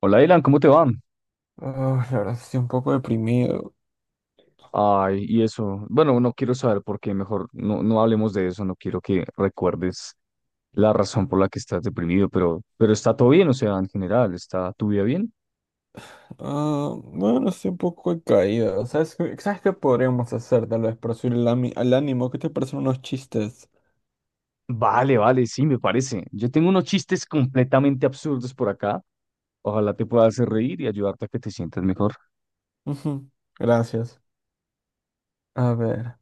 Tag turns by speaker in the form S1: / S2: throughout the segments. S1: Hola, Dylan, ¿cómo te va?
S2: Ah, la verdad, estoy un poco deprimido.
S1: Ay, y eso, bueno, no quiero saber por qué, mejor no, no hablemos de eso, no quiero que recuerdes la razón por la que estás deprimido, pero está todo bien, o sea, en general, ¿está tu vida bien?
S2: Ah, bueno, estoy un poco de caída. Sabes qué podríamos hacer tal vez para subir el, ami- al ánimo? ¿Qué te parecen unos chistes?
S1: Vale, vale, sí, me parece. Yo tengo unos chistes completamente absurdos por acá, ojalá te pueda hacer reír y ayudarte a que te sientas mejor.
S2: Ujú. Gracias. A ver.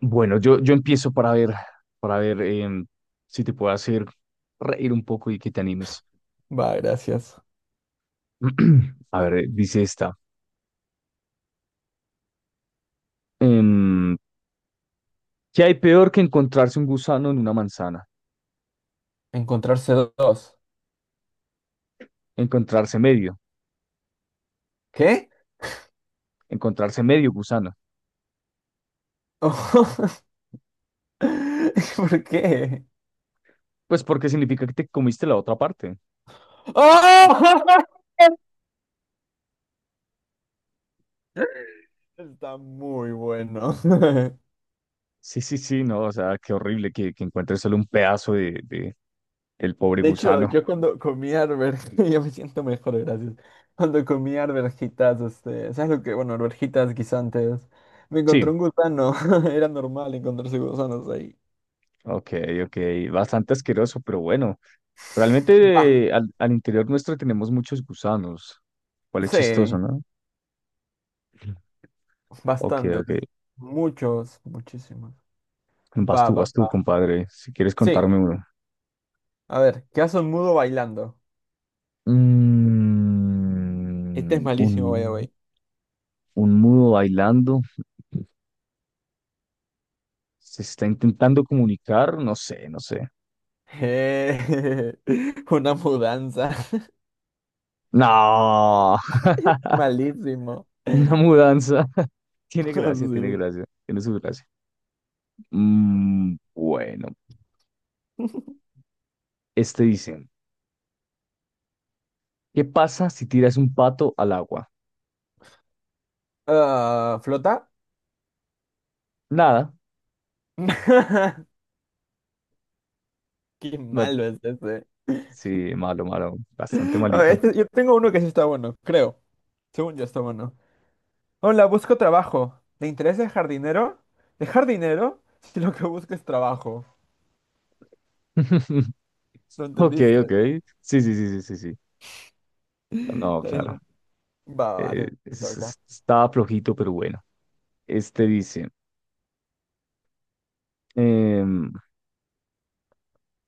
S1: Bueno, yo empiezo para ver si te puedo hacer reír un poco y que te animes.
S2: Va, gracias.
S1: A ver, dice esta. Em, ¿Qué hay peor que encontrarse un gusano en una manzana?
S2: Encontrarse dos.
S1: Encontrarse medio,
S2: ¿Qué?
S1: encontrarse medio gusano.
S2: Oh. ¿Por qué?
S1: Pues porque significa que te comiste la otra parte.
S2: ¡Ah! Está muy bueno.
S1: Sí, sí, sí, no, o sea, qué horrible que encuentres solo un pedazo del pobre
S2: De hecho,
S1: gusano.
S2: yo cuando comí arvejitas, yo me siento mejor, gracias. Cuando comí arvejitas, este, ¿sabes lo que? Bueno, arvejitas guisantes. Me
S1: Sí,
S2: encontré un gusano. Era normal encontrarse gusanos ahí.
S1: ok, ok, bastante asqueroso, pero bueno,
S2: Ah,
S1: realmente al, al interior nuestro tenemos muchos gusanos. Cuál es chistoso,
S2: sí,
S1: ¿no? Sí. Ok,
S2: bastantes.
S1: ok.
S2: Muchos, muchísimos.
S1: Vas
S2: Va,
S1: tú,
S2: va,
S1: vas tú,
S2: va.
S1: compadre, si quieres
S2: Sí,
S1: contarme uno.
S2: a ver, ¿qué hace un mudo bailando? Este es
S1: Mm,
S2: malísimo, by the
S1: un,
S2: way.
S1: Un mudo bailando. Se está intentando comunicar. No sé, no sé.
S2: Eh, una mudanza.
S1: No.
S2: Malísimo.
S1: Una mudanza. Tiene gracia, tiene
S2: Sí.
S1: gracia. Tiene su gracia. Mm, bueno. Este dice, ¿qué pasa si tiras un pato al agua?
S2: Ah, ¿flota?
S1: Nada.
S2: Qué
S1: Na-
S2: malo es ese.
S1: Sí, malo, malo. Bastante
S2: A ver,
S1: malito.
S2: este- yo tengo uno que sí está bueno, creo. Según yo está bueno. Hola, busco trabajo. ¿Te interesa el jardinero? ¿Dejar dinero? Si lo que busco es trabajo. ¿Lo
S1: Ok, ok.
S2: entendiste?
S1: Sí, sí, sí, sí, sí, sí. No,
S2: Está.
S1: claro.
S2: Va, va, te toca.
S1: Estaba flojito, pero bueno. Este dice, em,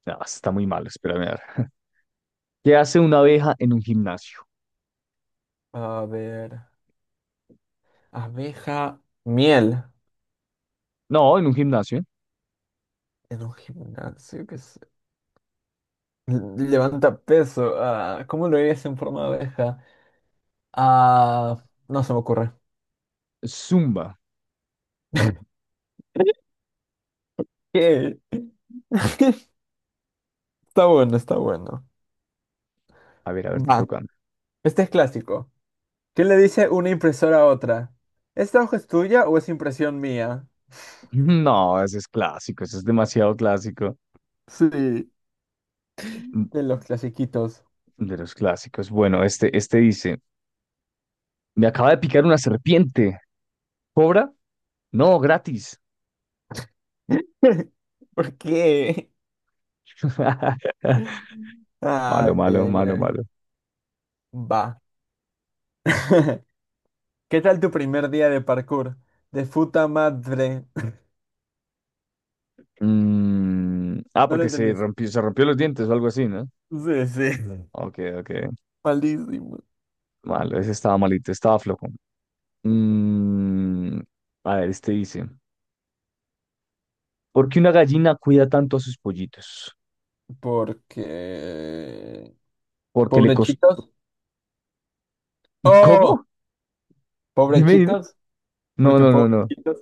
S1: no, está muy mal, espérame a ver. ¿Qué hace una abeja en un gimnasio?
S2: A ver. Abeja, miel.
S1: No, en un gimnasio.
S2: En un gimnasio que se... Levanta peso. Ah, ¿cómo lo harías en forma de abeja? Ah, no se me ocurre.
S1: Zumba.
S2: ¿Qué? Está bueno, está bueno.
S1: A ver, te
S2: Va,
S1: toca.
S2: este es clásico. ¿Qué le dice una impresora a otra? ¿Esta hoja es tuya o es impresión mía?
S1: No, ese es clásico, ese es demasiado clásico.
S2: Sí.
S1: Mm,
S2: De los clasiquitos.
S1: de los clásicos. Bueno, este dice, me acaba de picar una serpiente. ¿Cobra? No, gratis.
S2: ¿Por qué?
S1: Malo,
S2: Ay,
S1: malo,
S2: ay,
S1: malo,
S2: ay.
S1: malo.
S2: Va. ¿Qué tal tu primer día de parkour? De puta madre. No lo
S1: Porque se
S2: entendiste.
S1: rompió, se rompió los dientes o algo así, ¿no?
S2: Sí, sí. Mm.
S1: Ok, ok.
S2: Malísimo.
S1: Malo, ese estaba malito, estaba flojo. Mm, a ver, este dice, ¿por qué una gallina cuida tanto a sus pollitos?
S2: Porque...
S1: Porque le costó...
S2: Pobrechitos. Oh,
S1: ¿Cómo? Dime, dime.
S2: pobrechitos.
S1: No,
S2: Porque
S1: no, no, no.
S2: pobrechitos.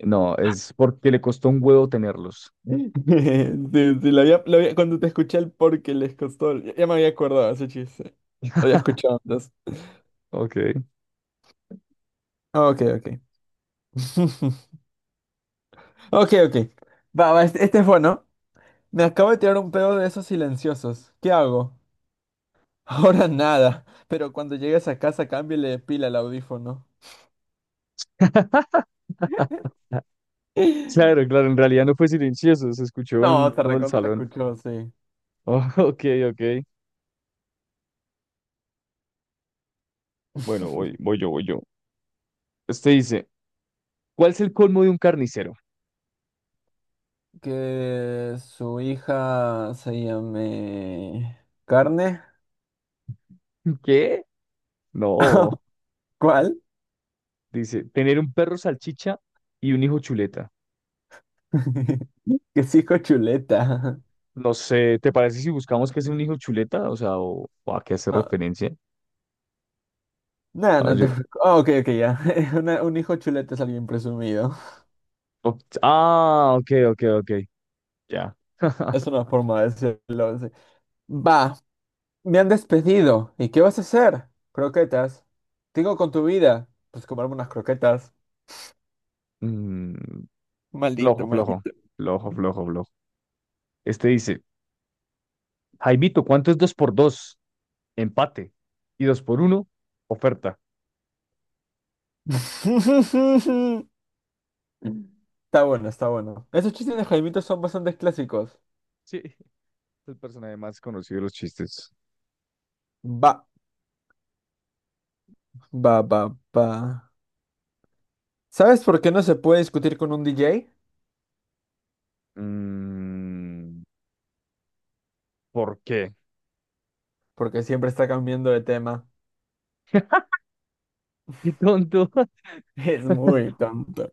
S1: No, es porque le costó un huevo tenerlos.
S2: Sí, sí, cuando te escuché el porque les costó, ya, ya me había acordado ese chiste. Lo había escuchado antes.
S1: Ok.
S2: Ah, ok, ok. Ok, ok. Va, va, este es bueno. Me acabo de tirar un pedo de esos silenciosos. ¿Qué hago? Ahora nada, pero cuando llegues a casa cámbiale de pila al audífono.
S1: Claro, claro, en realidad no fue silencioso, se escuchó
S2: No,
S1: en
S2: se
S1: todo el
S2: recontra
S1: salón.
S2: escuchó, sí.
S1: Oh, ok, ok. Bueno, voy yo. Este dice, ¿cuál es el colmo de un carnicero?
S2: Que su hija se llame... ¿Carne?
S1: ¿Qué? No,
S2: ¿Cuál?
S1: dice, tener un perro salchicha y un hijo chuleta.
S2: Que es hijo chuleta.
S1: No sé, ¿te parece si buscamos que es un hijo chuleta? O sea, o a qué hace
S2: Ah,
S1: referencia.
S2: no,
S1: A ver,
S2: no te
S1: yo-
S2: preocupes. Ah, ok, ok, ya. Un hijo chuleta es alguien presumido.
S1: o- ah, ok, ok, ok. Ya.
S2: Es una forma de decirlo. Sí. Va, me han despedido. ¿Y qué vas a hacer? Croquetas. ¿Qué hago con tu vida? Pues comerme unas croquetas.
S1: Mm,
S2: Maldito,
S1: flojo, flojo.
S2: maldito.
S1: Flojo, flojo, flojo. Este dice, Jaimito, ¿cuánto es dos por dos? Empate. Y dos por uno, oferta.
S2: Está bueno, está bueno. Esos chistes de Jaimito son bastante clásicos.
S1: Sí, el personaje más conocido de los chistes.
S2: Va, va. ¿Sabes por qué no se puede discutir con un DJ?
S1: Mm, ¿por qué?
S2: Porque siempre está cambiando de tema.
S1: Qué tonto.
S2: Es muy tonto.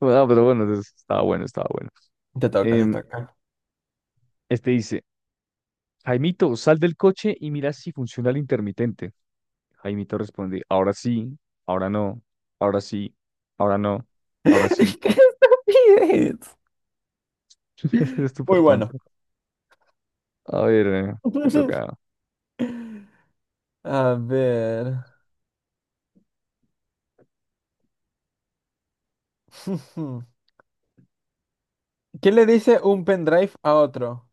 S1: Bueno, pero bueno, entonces, estaba bueno, estaba bueno.
S2: Te toca, te
S1: Em,
S2: toca.
S1: este dice. Jaimito, sal del coche y mira si funciona el intermitente. Jaimito responde, ahora sí, ahora no, ahora sí, ahora no, ahora sí.
S2: ¡Qué estupidez!
S1: Es
S2: Muy
S1: súper
S2: bueno.
S1: tonto. A ver, te toca.
S2: A ver. ¿Qué le dice un pendrive a otro?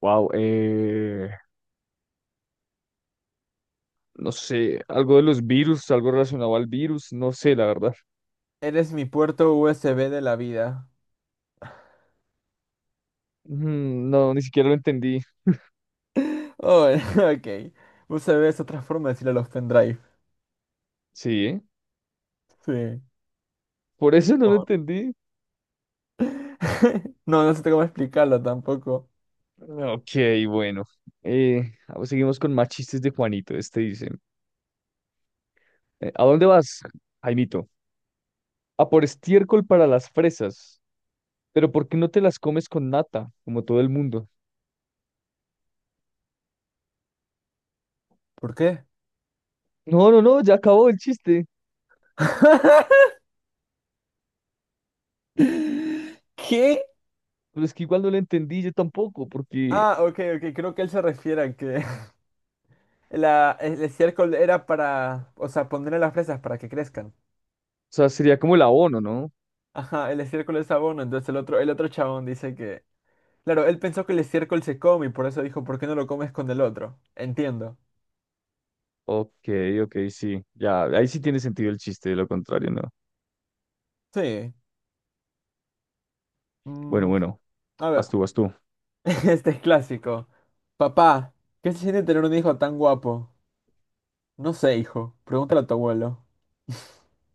S1: Wow, no sé, algo de los virus, algo relacionado al virus, no sé, la verdad.
S2: Eres mi puerto USB de la vida.
S1: Mm, no, ni siquiera lo entendí.
S2: Oh, ok. USB es otra forma de decirle a los pendrive.
S1: Sí,
S2: Sí.
S1: por eso no lo
S2: Oh.
S1: entendí.
S2: No, no sé cómo explicarlo tampoco.
S1: Ok, bueno. Eh, pues seguimos con más chistes de Juanito. Este dice, ¿a dónde vas, Jaimito? A por estiércol para las fresas. Pero ¿por qué no te las comes con nata, como todo el mundo?
S2: ¿Por qué?
S1: No, no, no, ya acabó el chiste.
S2: ¿Qué?
S1: Pero es que igual no lo entendí yo tampoco, porque,
S2: Ah, ok, ok. Creo que él se refiere a que la, el estiércol era para, o sea, ponerle las fresas para que crezcan.
S1: o sea, sería como el abono, ¿no?
S2: Ajá, el estiércol es abono, entonces el otro chabón dice que, claro, él pensó que el estiércol se come y por eso dijo, ¿por qué no lo comes con el otro? Entiendo.
S1: Ok, ok, sí. Ya, ahí sí tiene sentido el chiste, de lo contrario, ¿no?
S2: Sí.
S1: Bueno,
S2: Mm,
S1: bueno,
S2: a
S1: vas
S2: ver,
S1: tú, vas tú.
S2: este es clásico. Papá, ¿qué se siente tener un hijo tan guapo? No sé, hijo, pregúntale a tu abuelo.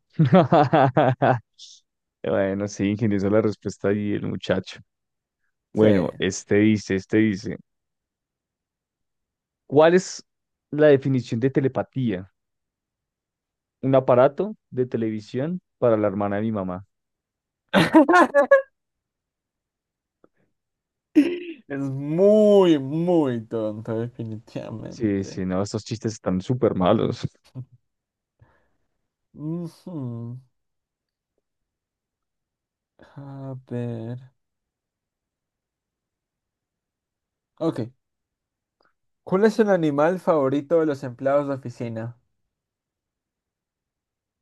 S1: Bueno, sí, ingeniosa la respuesta y el muchacho.
S2: Sí.
S1: Bueno, este dice, ¿cuál es la definición de telepatía? Un aparato de televisión para la hermana de mi mamá.
S2: Es muy, muy tonto,
S1: Sí,
S2: definitivamente.
S1: sí, no, estos chistes están súper malos.
S2: Ujú. A ver. Ok. ¿Cuál es el animal favorito de los empleados de oficina?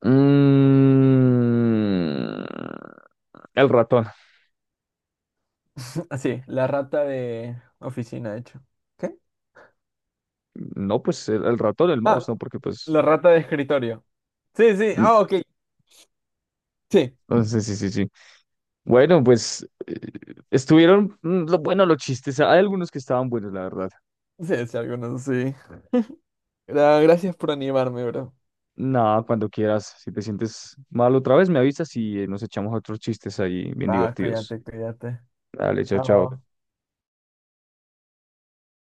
S1: Mm, el ratón.
S2: Así, la rata de oficina, de hecho. ¿Qué? Oh.
S1: No, pues el ratón, el mouse,
S2: Ah,
S1: no, porque pues.
S2: la rata de escritorio. Sí, sí.
S1: mm,
S2: Ah, ok. Sí.
S1: No, sí, sí, sí, sí. Bueno, pues estuvieron lo bueno los chistes. Hay algunos que estaban buenos, la verdad.
S2: Sí, sí, algunos sí. Gracias por animarme, bro.
S1: Nada, cuando quieras. Si te sientes mal otra vez, me avisas y nos echamos otros chistes ahí bien
S2: Va,
S1: divertidos.
S2: cuídate, cuídate.
S1: Dale, chao, chao.
S2: Chao.